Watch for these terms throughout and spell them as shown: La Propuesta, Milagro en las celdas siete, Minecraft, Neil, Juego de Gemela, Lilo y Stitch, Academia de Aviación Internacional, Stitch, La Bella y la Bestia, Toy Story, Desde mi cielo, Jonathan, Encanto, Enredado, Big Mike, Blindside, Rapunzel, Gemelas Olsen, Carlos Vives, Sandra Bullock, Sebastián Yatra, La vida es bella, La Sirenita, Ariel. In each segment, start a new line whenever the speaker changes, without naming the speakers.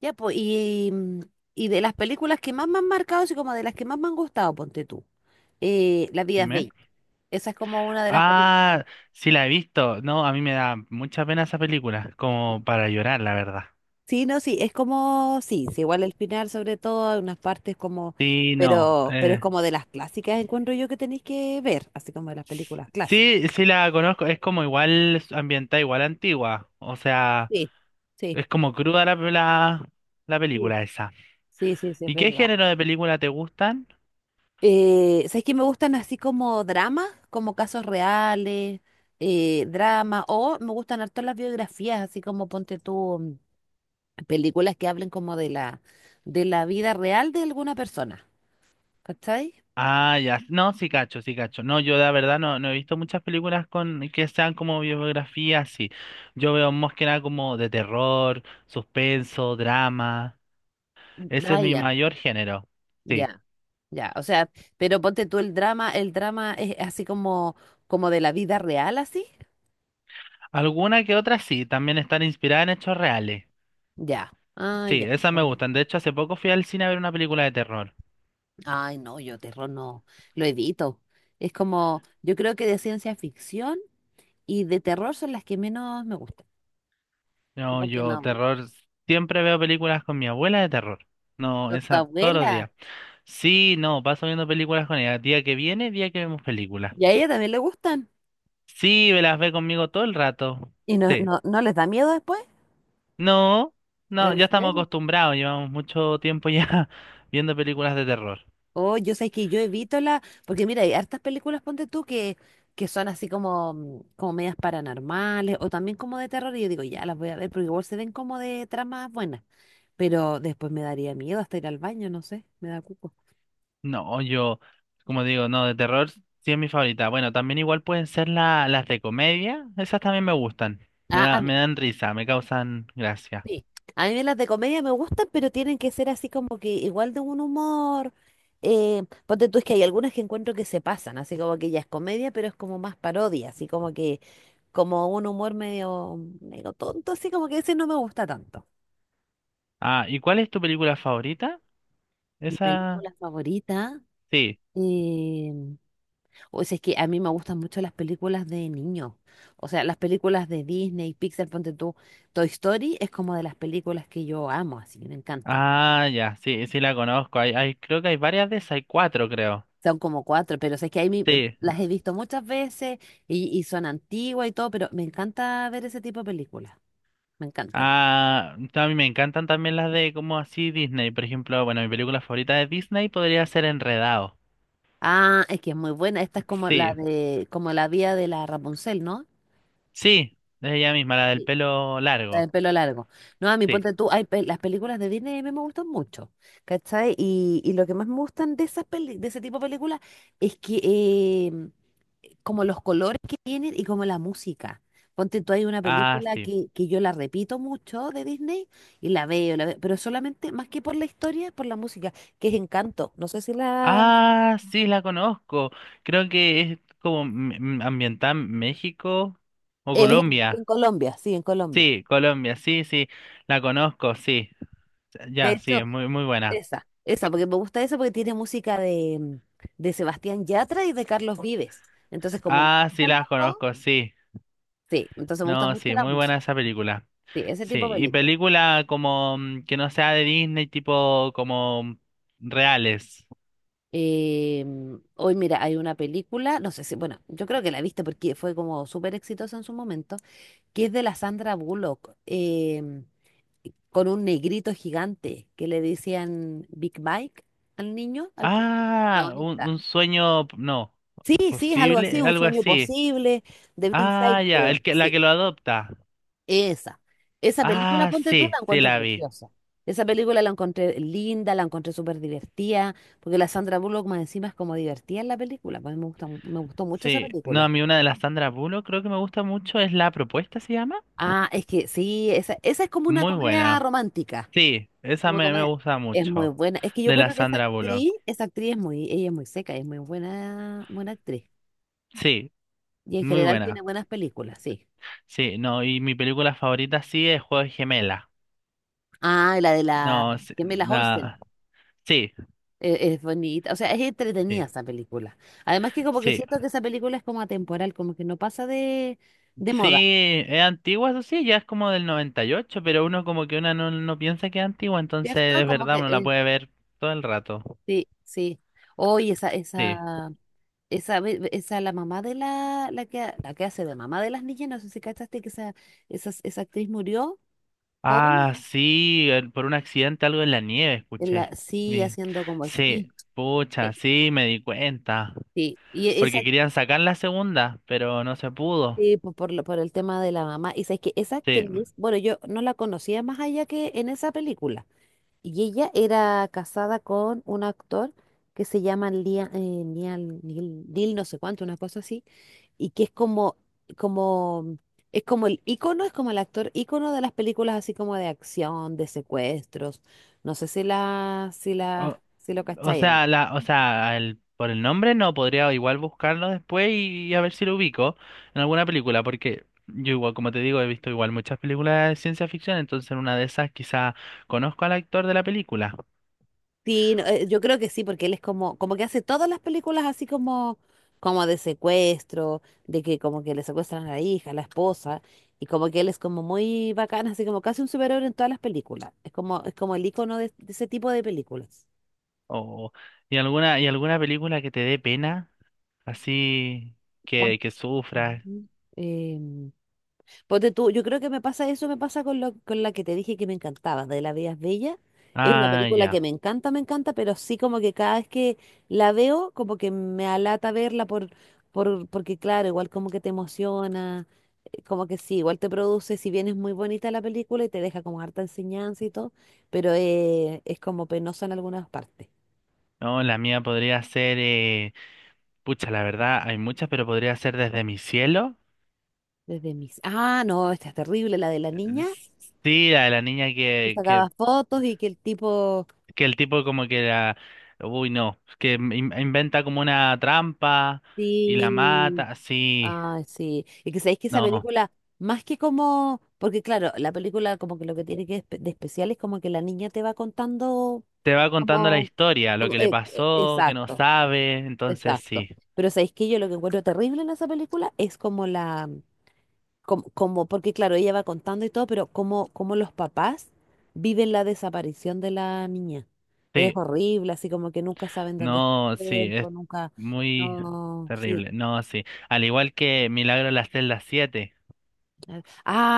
Ya, pues, y de las películas que más me han marcado, así como de las que más me han gustado, ponte tú. La vida es
Dime.
bella. Esa es como una de las películas.
Ah, sí la he visto. No, a mí me da mucha pena esa película, como para llorar, la verdad.
Sí, no, sí, es como, sí, sí, igual el final sobre todo, hay unas partes como,
Sí, no,
pero es como de las clásicas, encuentro yo que tenéis que ver, así como de las películas clásicas.
sí, sí la conozco. Es como igual ambientada, igual antigua. O sea,
Sí, sí,
es como cruda la
sí,
película esa.
sí, sí, sí, es
¿Y qué
verdad.
género de película te gustan?
¿Sabes qué me gustan así como dramas, como casos reales, dramas, o me gustan harto las biografías, así como ponte tú películas que hablen como de la vida real de alguna persona, ¿cachai?
Ah, ya. No, sí cacho, sí cacho. No, yo la verdad no he visto muchas películas con que sean como biografías, sí. Yo veo más que nada como de terror, suspenso, drama. Ese
Ah,
es mi
ya,
mayor género. Sí.
ya, ya, o sea, pero ponte tú el drama es así como de la vida real, así,
Alguna que otra sí, también están inspiradas en hechos reales.
ya, ah,
Sí,
ya.
esas
Ya,
me
ya.
gustan. De hecho, hace poco fui al cine a ver una película de terror.
Ay, no, yo terror no, lo evito. Es como, yo creo que de ciencia ficción. Y de terror son las que menos me gustan.
No,
Como que
yo
no,
terror, siempre veo películas con mi abuela de terror. No,
a tu
esa todos los
abuela,
días. Sí, no, paso viendo películas con ella. Día que viene, día que vemos películas.
y a ella también le gustan.
Sí, me las ve conmigo todo el rato.
¿Y no,
Sí.
no, no les da miedo después?
No, no,
¿En
ya estamos
serio?
acostumbrados, llevamos mucho tiempo ya viendo películas de terror.
Oh, yo sé que yo evito la, porque mira, hay hartas películas, ponte tú, que son así como, como medias paranormales o también como de terror y yo digo, ya las voy a ver, porque igual se ven como de tramas buenas, pero después me daría miedo hasta ir al baño, no sé, me da cuco.
No, yo, como digo, no, de terror sí es mi favorita. Bueno, también igual pueden ser las de comedia, esas también me gustan.
Ah, a
Me dan risa, me causan gracia.
sí. A mí las de comedia me gustan, pero tienen que ser así como que igual de un humor. Ponte tú, es que hay algunas que encuentro que se pasan, así como que ya es comedia, pero es como más parodia, así como que, como un humor medio, medio tonto, así como que ese no me gusta tanto.
Ah, ¿y cuál es tu película favorita?
Mi
Esa,
película favorita,
sí.
eh, o sea, es que a mí me gustan mucho las películas de niños, o sea, las películas de Disney, Pixar, ponte tú, Toy Story es como de las películas que yo amo, así que me encantan.
Ah, ya, sí, sí la conozco. Hay, creo que hay varias de esas, hay cuatro, creo.
Son como cuatro, pero es que ahí
Sí.
las he visto muchas veces y son antiguas y todo, pero me encanta ver ese tipo de películas. Me encantan.
Ah, a mí me encantan también las de como así Disney. Por ejemplo, bueno, mi película favorita de Disney podría ser Enredado.
Ah, es que es muy buena. Esta es como la
Sí,
de, como la vía de la Rapunzel, ¿no?
sí, es ella misma, la del
Sí.
pelo
La
largo.
del pelo largo. No, a mí
Sí.
ponte tú, hay las películas de Disney a mí me gustan mucho, ¿cachai? Y lo que más me gustan de esas de ese tipo de películas es que em, como los colores que tienen y como la música. Ponte tú, hay una
Ah,
película
sí.
que yo la repito mucho de Disney y la veo, pero solamente más que por la historia, por la música, que es Encanto. No sé si la...
Ah, sí, la conozco. Creo que es como ambientada en México o
Es en
Colombia.
Colombia, sí, en Colombia.
Sí, Colombia, sí, sí, la conozco, sí.
De
Ya, sí,
hecho,
es muy, muy buena.
esa, porque me gusta esa porque tiene música de Sebastián Yatra y de Carlos Vives. Entonces, como me
Ah, sí,
gustan
la
los dos,
conozco, sí.
sí, entonces me gusta
No,
mucho
sí,
la
muy buena
música.
esa película.
Sí, ese
Sí,
tipo de
y
película.
película como que no sea de Disney, tipo como reales.
Hoy, mira, hay una película, no sé si, bueno, yo creo que la viste porque fue como súper exitosa en su momento, que es de la Sandra Bullock, con un negrito gigante que le decían Big Mike al niño, al
Ah,
protagonista.
un sueño, no,
Sí, sí, es algo así,
posible,
un
algo
sueño
así.
posible de Blindside,
Ah, ya,
creo.
el que, la
Sí.
que lo adopta.
Esa. Esa película,
Ah,
ponte tú,
sí,
la
sí
encuentro
la vi.
preciosa. Esa película la encontré linda, la encontré súper divertida, porque la Sandra Bullock más encima es como divertida en la película. Pues me gusta, me gustó mucho esa
Sí, no, a
película.
mí una de las Sandra Bullock creo que me gusta mucho es La Propuesta, ¿se llama?
Ah, es que sí, esa es como una
Muy
comedia
buena.
romántica.
Sí, esa
Como
me
comedia-
gusta
es muy
mucho,
buena. Es que yo
de la
creo que esa
Sandra Bullock.
actriz, esa actriz es muy, ella es muy seca, es muy buena, buena actriz.
Sí,
Y en
muy
general tiene
buena.
buenas películas, sí.
Sí, no, y mi película favorita sí es Juego de Gemela.
Ah, y la de
No,
la
sí,
Gemelas Olsen.
la- sí,
Es, bonita, o sea, es entretenida
sí,
esa película. Además que como que
sí.
siento que esa película es como atemporal, como que no pasa de moda,
Sí, es antigua, eso sí, ya es como del 98, pero uno como que una no piensa que es antigua, entonces
¿cierto?
es
Como
verdad,
que
uno la puede ver todo el rato.
sí, sí. Hoy esa,
Sí.
esa, esa, ve- esa, la mamá de la que hace de mamá de las niñas, no sé si cachaste que esa actriz murió joven,
Ah, sí, por un accidente algo en la nieve,
en la,
escuché.
sí,
Vi.
haciendo como esquí.
Sí, pucha,
Sí,
sí, me di cuenta.
sí. Y esa
Porque querían sacar la segunda, pero no se pudo.
Sí, por el tema de la mamá. Y sabes que esa
Sí.
actriz, bueno, yo no la conocía más allá que en esa película. Y ella era casada con un actor que se llama Neil no sé cuánto, una cosa así, y que como, es como el ícono, es como el actor ícono de las películas así como de acción, de secuestros. No sé si la, si
O,
la, si lo
o
cacháis.
sea, la, o sea, por el nombre no, podría igual buscarlo después y a ver si lo ubico en alguna película, porque yo igual, como te digo, he visto igual muchas películas de ciencia ficción, entonces en una de esas quizá conozco al actor de la película.
Sí, no, yo creo que sí, porque él es como, como que hace todas las películas así como, como de secuestro, de que como que le secuestran a la hija, a la esposa, y como que él es como muy bacán, así como casi un superhéroe en todas las películas. Es como el icono de ese tipo de películas.
O, y alguna película que te dé pena. Así
Pon-
que sufra.
Ujú. Em, Ponte tú, yo creo que me pasa eso, me pasa con la que te dije que me encantaba, de La Vida es Bella. Es una
Ah,
película
ya.
que me encanta, pero sí como que cada vez que la veo, como que me alata verla porque claro, igual como que te emociona, como que sí, igual te produce, si bien es muy bonita la película y te deja como harta enseñanza y todo, pero es como penosa en algunas partes.
No, la mía podría ser, pucha, la verdad, hay muchas, pero podría ser desde mi cielo.
Desde mis... Ah, no, esta es terrible, la de la niña
S- Sí, la de la niña
que sacaba fotos y que el tipo...
que el tipo como que la, uy, no, que inventa como una trampa y la
Sí,
mata, sí,
ay, sí. Y que sabéis que esa
no.
película, más que como, porque claro, la película como que lo que tiene que de especial es como que la niña te va contando
Te va contando la
como,
historia, lo que le pasó, que no
exacto,
sabe, entonces
exacto.
sí.
Pero sabéis que yo lo que encuentro terrible en esa película es como la, como, como- porque claro, ella va contando y todo, pero como los papás viven la desaparición de la niña. Es
Sí,
horrible, así como que nunca saben dónde está el
no, sí, es
cuerpo, nunca,
muy
no, sí.
terrible. No, sí. Al igual que Milagro en las celdas siete.
Ah,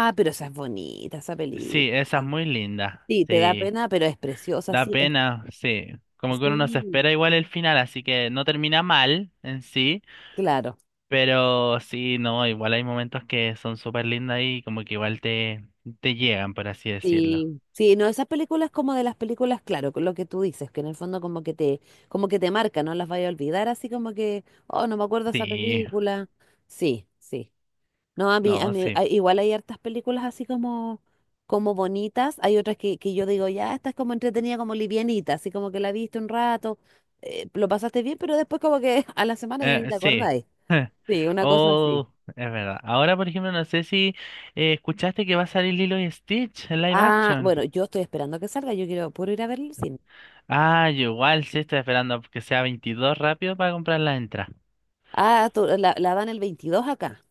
ah, pero esa es bonita, esa
Sí,
película.
esa es muy linda.
Sí, te da
Sí,
pena, pero es preciosa,
da
sí,
pena, sí. Como que uno no se
sí,
espera igual el final, así que no termina mal en sí,
claro.
pero sí, no, igual hay momentos que son súper lindas y como que igual te llegan, por así decirlo.
Sí, sí, no, esas películas como de las películas, claro, con lo que tú dices, que en el fondo como que te marca, no las vaya a olvidar, así como que, oh, no me acuerdo esa
Sí,
película. Sí, sí. No, a mí, a
no,
mí,
sí.
a- igual hay hartas películas así como, como bonitas. Hay otras que yo digo, ya, esta es como entretenida, como livianita, así como que la viste un rato, lo pasaste bien, pero después como que a la semana ya ni te
Sí.
acordáis. Sí, una cosa así.
Oh, es verdad. Ahora, por ejemplo, no sé si escuchaste que va a salir Lilo y Stitch en live
Ah,
action.
bueno, yo estoy esperando a que salga, yo quiero puro ir a ver el cine.
Ah, yo igual sí estoy esperando que sea 22 rápido para comprar la entrada.
Ah, la dan el 22 acá.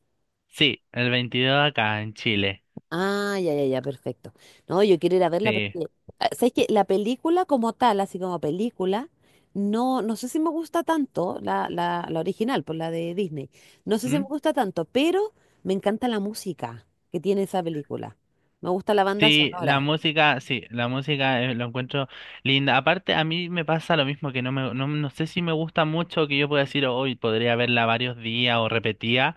Sí, el 22 acá en Chile.
Ah, ya, ya, ya, perfecto. No, yo quiero ir a verla
Sí.
porque, ah, ¿sabes qué? La película como tal, así como película, no, no sé si me gusta tanto, la original, por la de Disney, no sé si me
¿Mm?
gusta tanto, pero me encanta la música que tiene esa película. Me gusta la banda sonora.
Sí, la música lo encuentro linda. Aparte, a mí me pasa lo mismo, que no no sé si me gusta mucho que yo pueda decir, hoy podría verla varios días o repetía.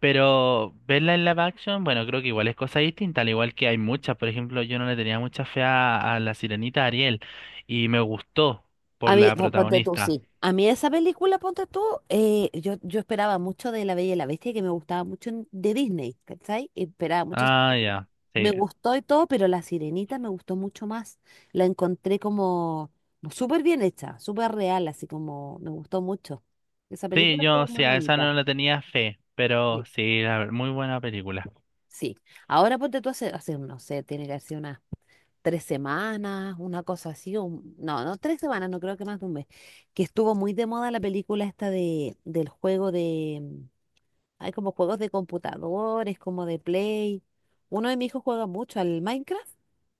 Pero verla en live action, bueno, creo que igual es cosa distinta, al igual que hay muchas. Por ejemplo, yo no le tenía mucha fe a la sirenita Ariel y me gustó por
A mí,
la
ponte tú,
protagonista.
sí. A mí esa película, ponte tú, yo esperaba mucho de La Bella y la Bestia, que me gustaba mucho de Disney, ¿cachai? Esperaba mucho esa
Ah,
película.
ya,
Me
sí.
gustó y todo, pero La Sirenita me gustó mucho más. La encontré como súper bien hecha, súper real, así como me gustó mucho. Esa
Sí,
película
yo
estuvo muy
sí, a esa
bonita.
no le tenía fe, pero
Sí.
sí, muy buena película.
Sí. Ahora ponte tú hace, no sé, tiene que hacer unas 3 semanas, una cosa así, o no, no, 3 semanas, no creo que más de un mes, que estuvo muy de moda la película esta de, del juego hay como juegos de computadores, como de Play. Uno de mis hijos juega mucho al Minecraft.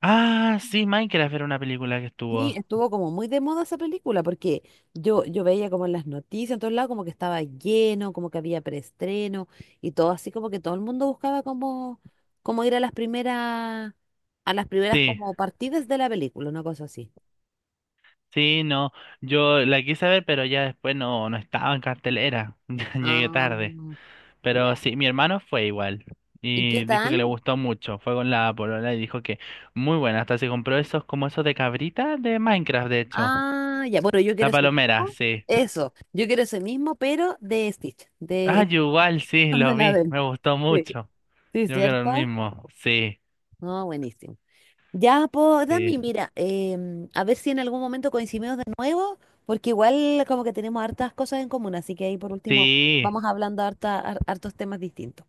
Ah, sí, Minecraft era una película que
Sí,
estuvo.
estuvo como muy de moda esa película, porque yo veía como en las noticias, en todos lados, como que estaba lleno, como que había preestreno, y todo así como que todo el mundo buscaba como ir a las primeras
Sí,
como partidas de la película, una cosa así.
sí, no. Yo la quise ver, pero ya después no, no estaba en cartelera. Ya llegué
Ah.
tarde. Pero
Ya.
sí, mi hermano fue igual
¿Y qué
y dijo que le
tal?
gustó mucho. Fue con la polola y dijo que muy buena. Hasta se compró esos como esos de cabrita de Minecraft, de hecho.
Ah, ya, bueno, yo quiero
La
ese
palomera,
mismo.
sí.
Eso, yo quiero ese mismo, pero de Stitch,
Ah,
de,
yo igual, sí,
de
lo
la
vi.
del.
Me gustó
Sí,
mucho.
sí,
Yo quiero el
¿cierto?
mismo. Sí,
No, buenísimo. Ya, pues,
sí.
Dami, mira, a ver si en algún momento coincidimos de nuevo, porque igual como que tenemos hartas cosas en común, así que ahí por último
Sí,
vamos hablando hartos temas distintos.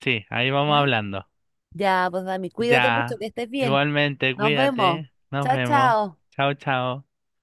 sí, ahí vamos
¿Ya?
hablando.
Ya, pues, Dami, cuídate mucho,
Ya.
que estés bien.
Igualmente,
Nos vemos.
cuídate. Nos
Chao,
vemos.
chao.
Chao, chao.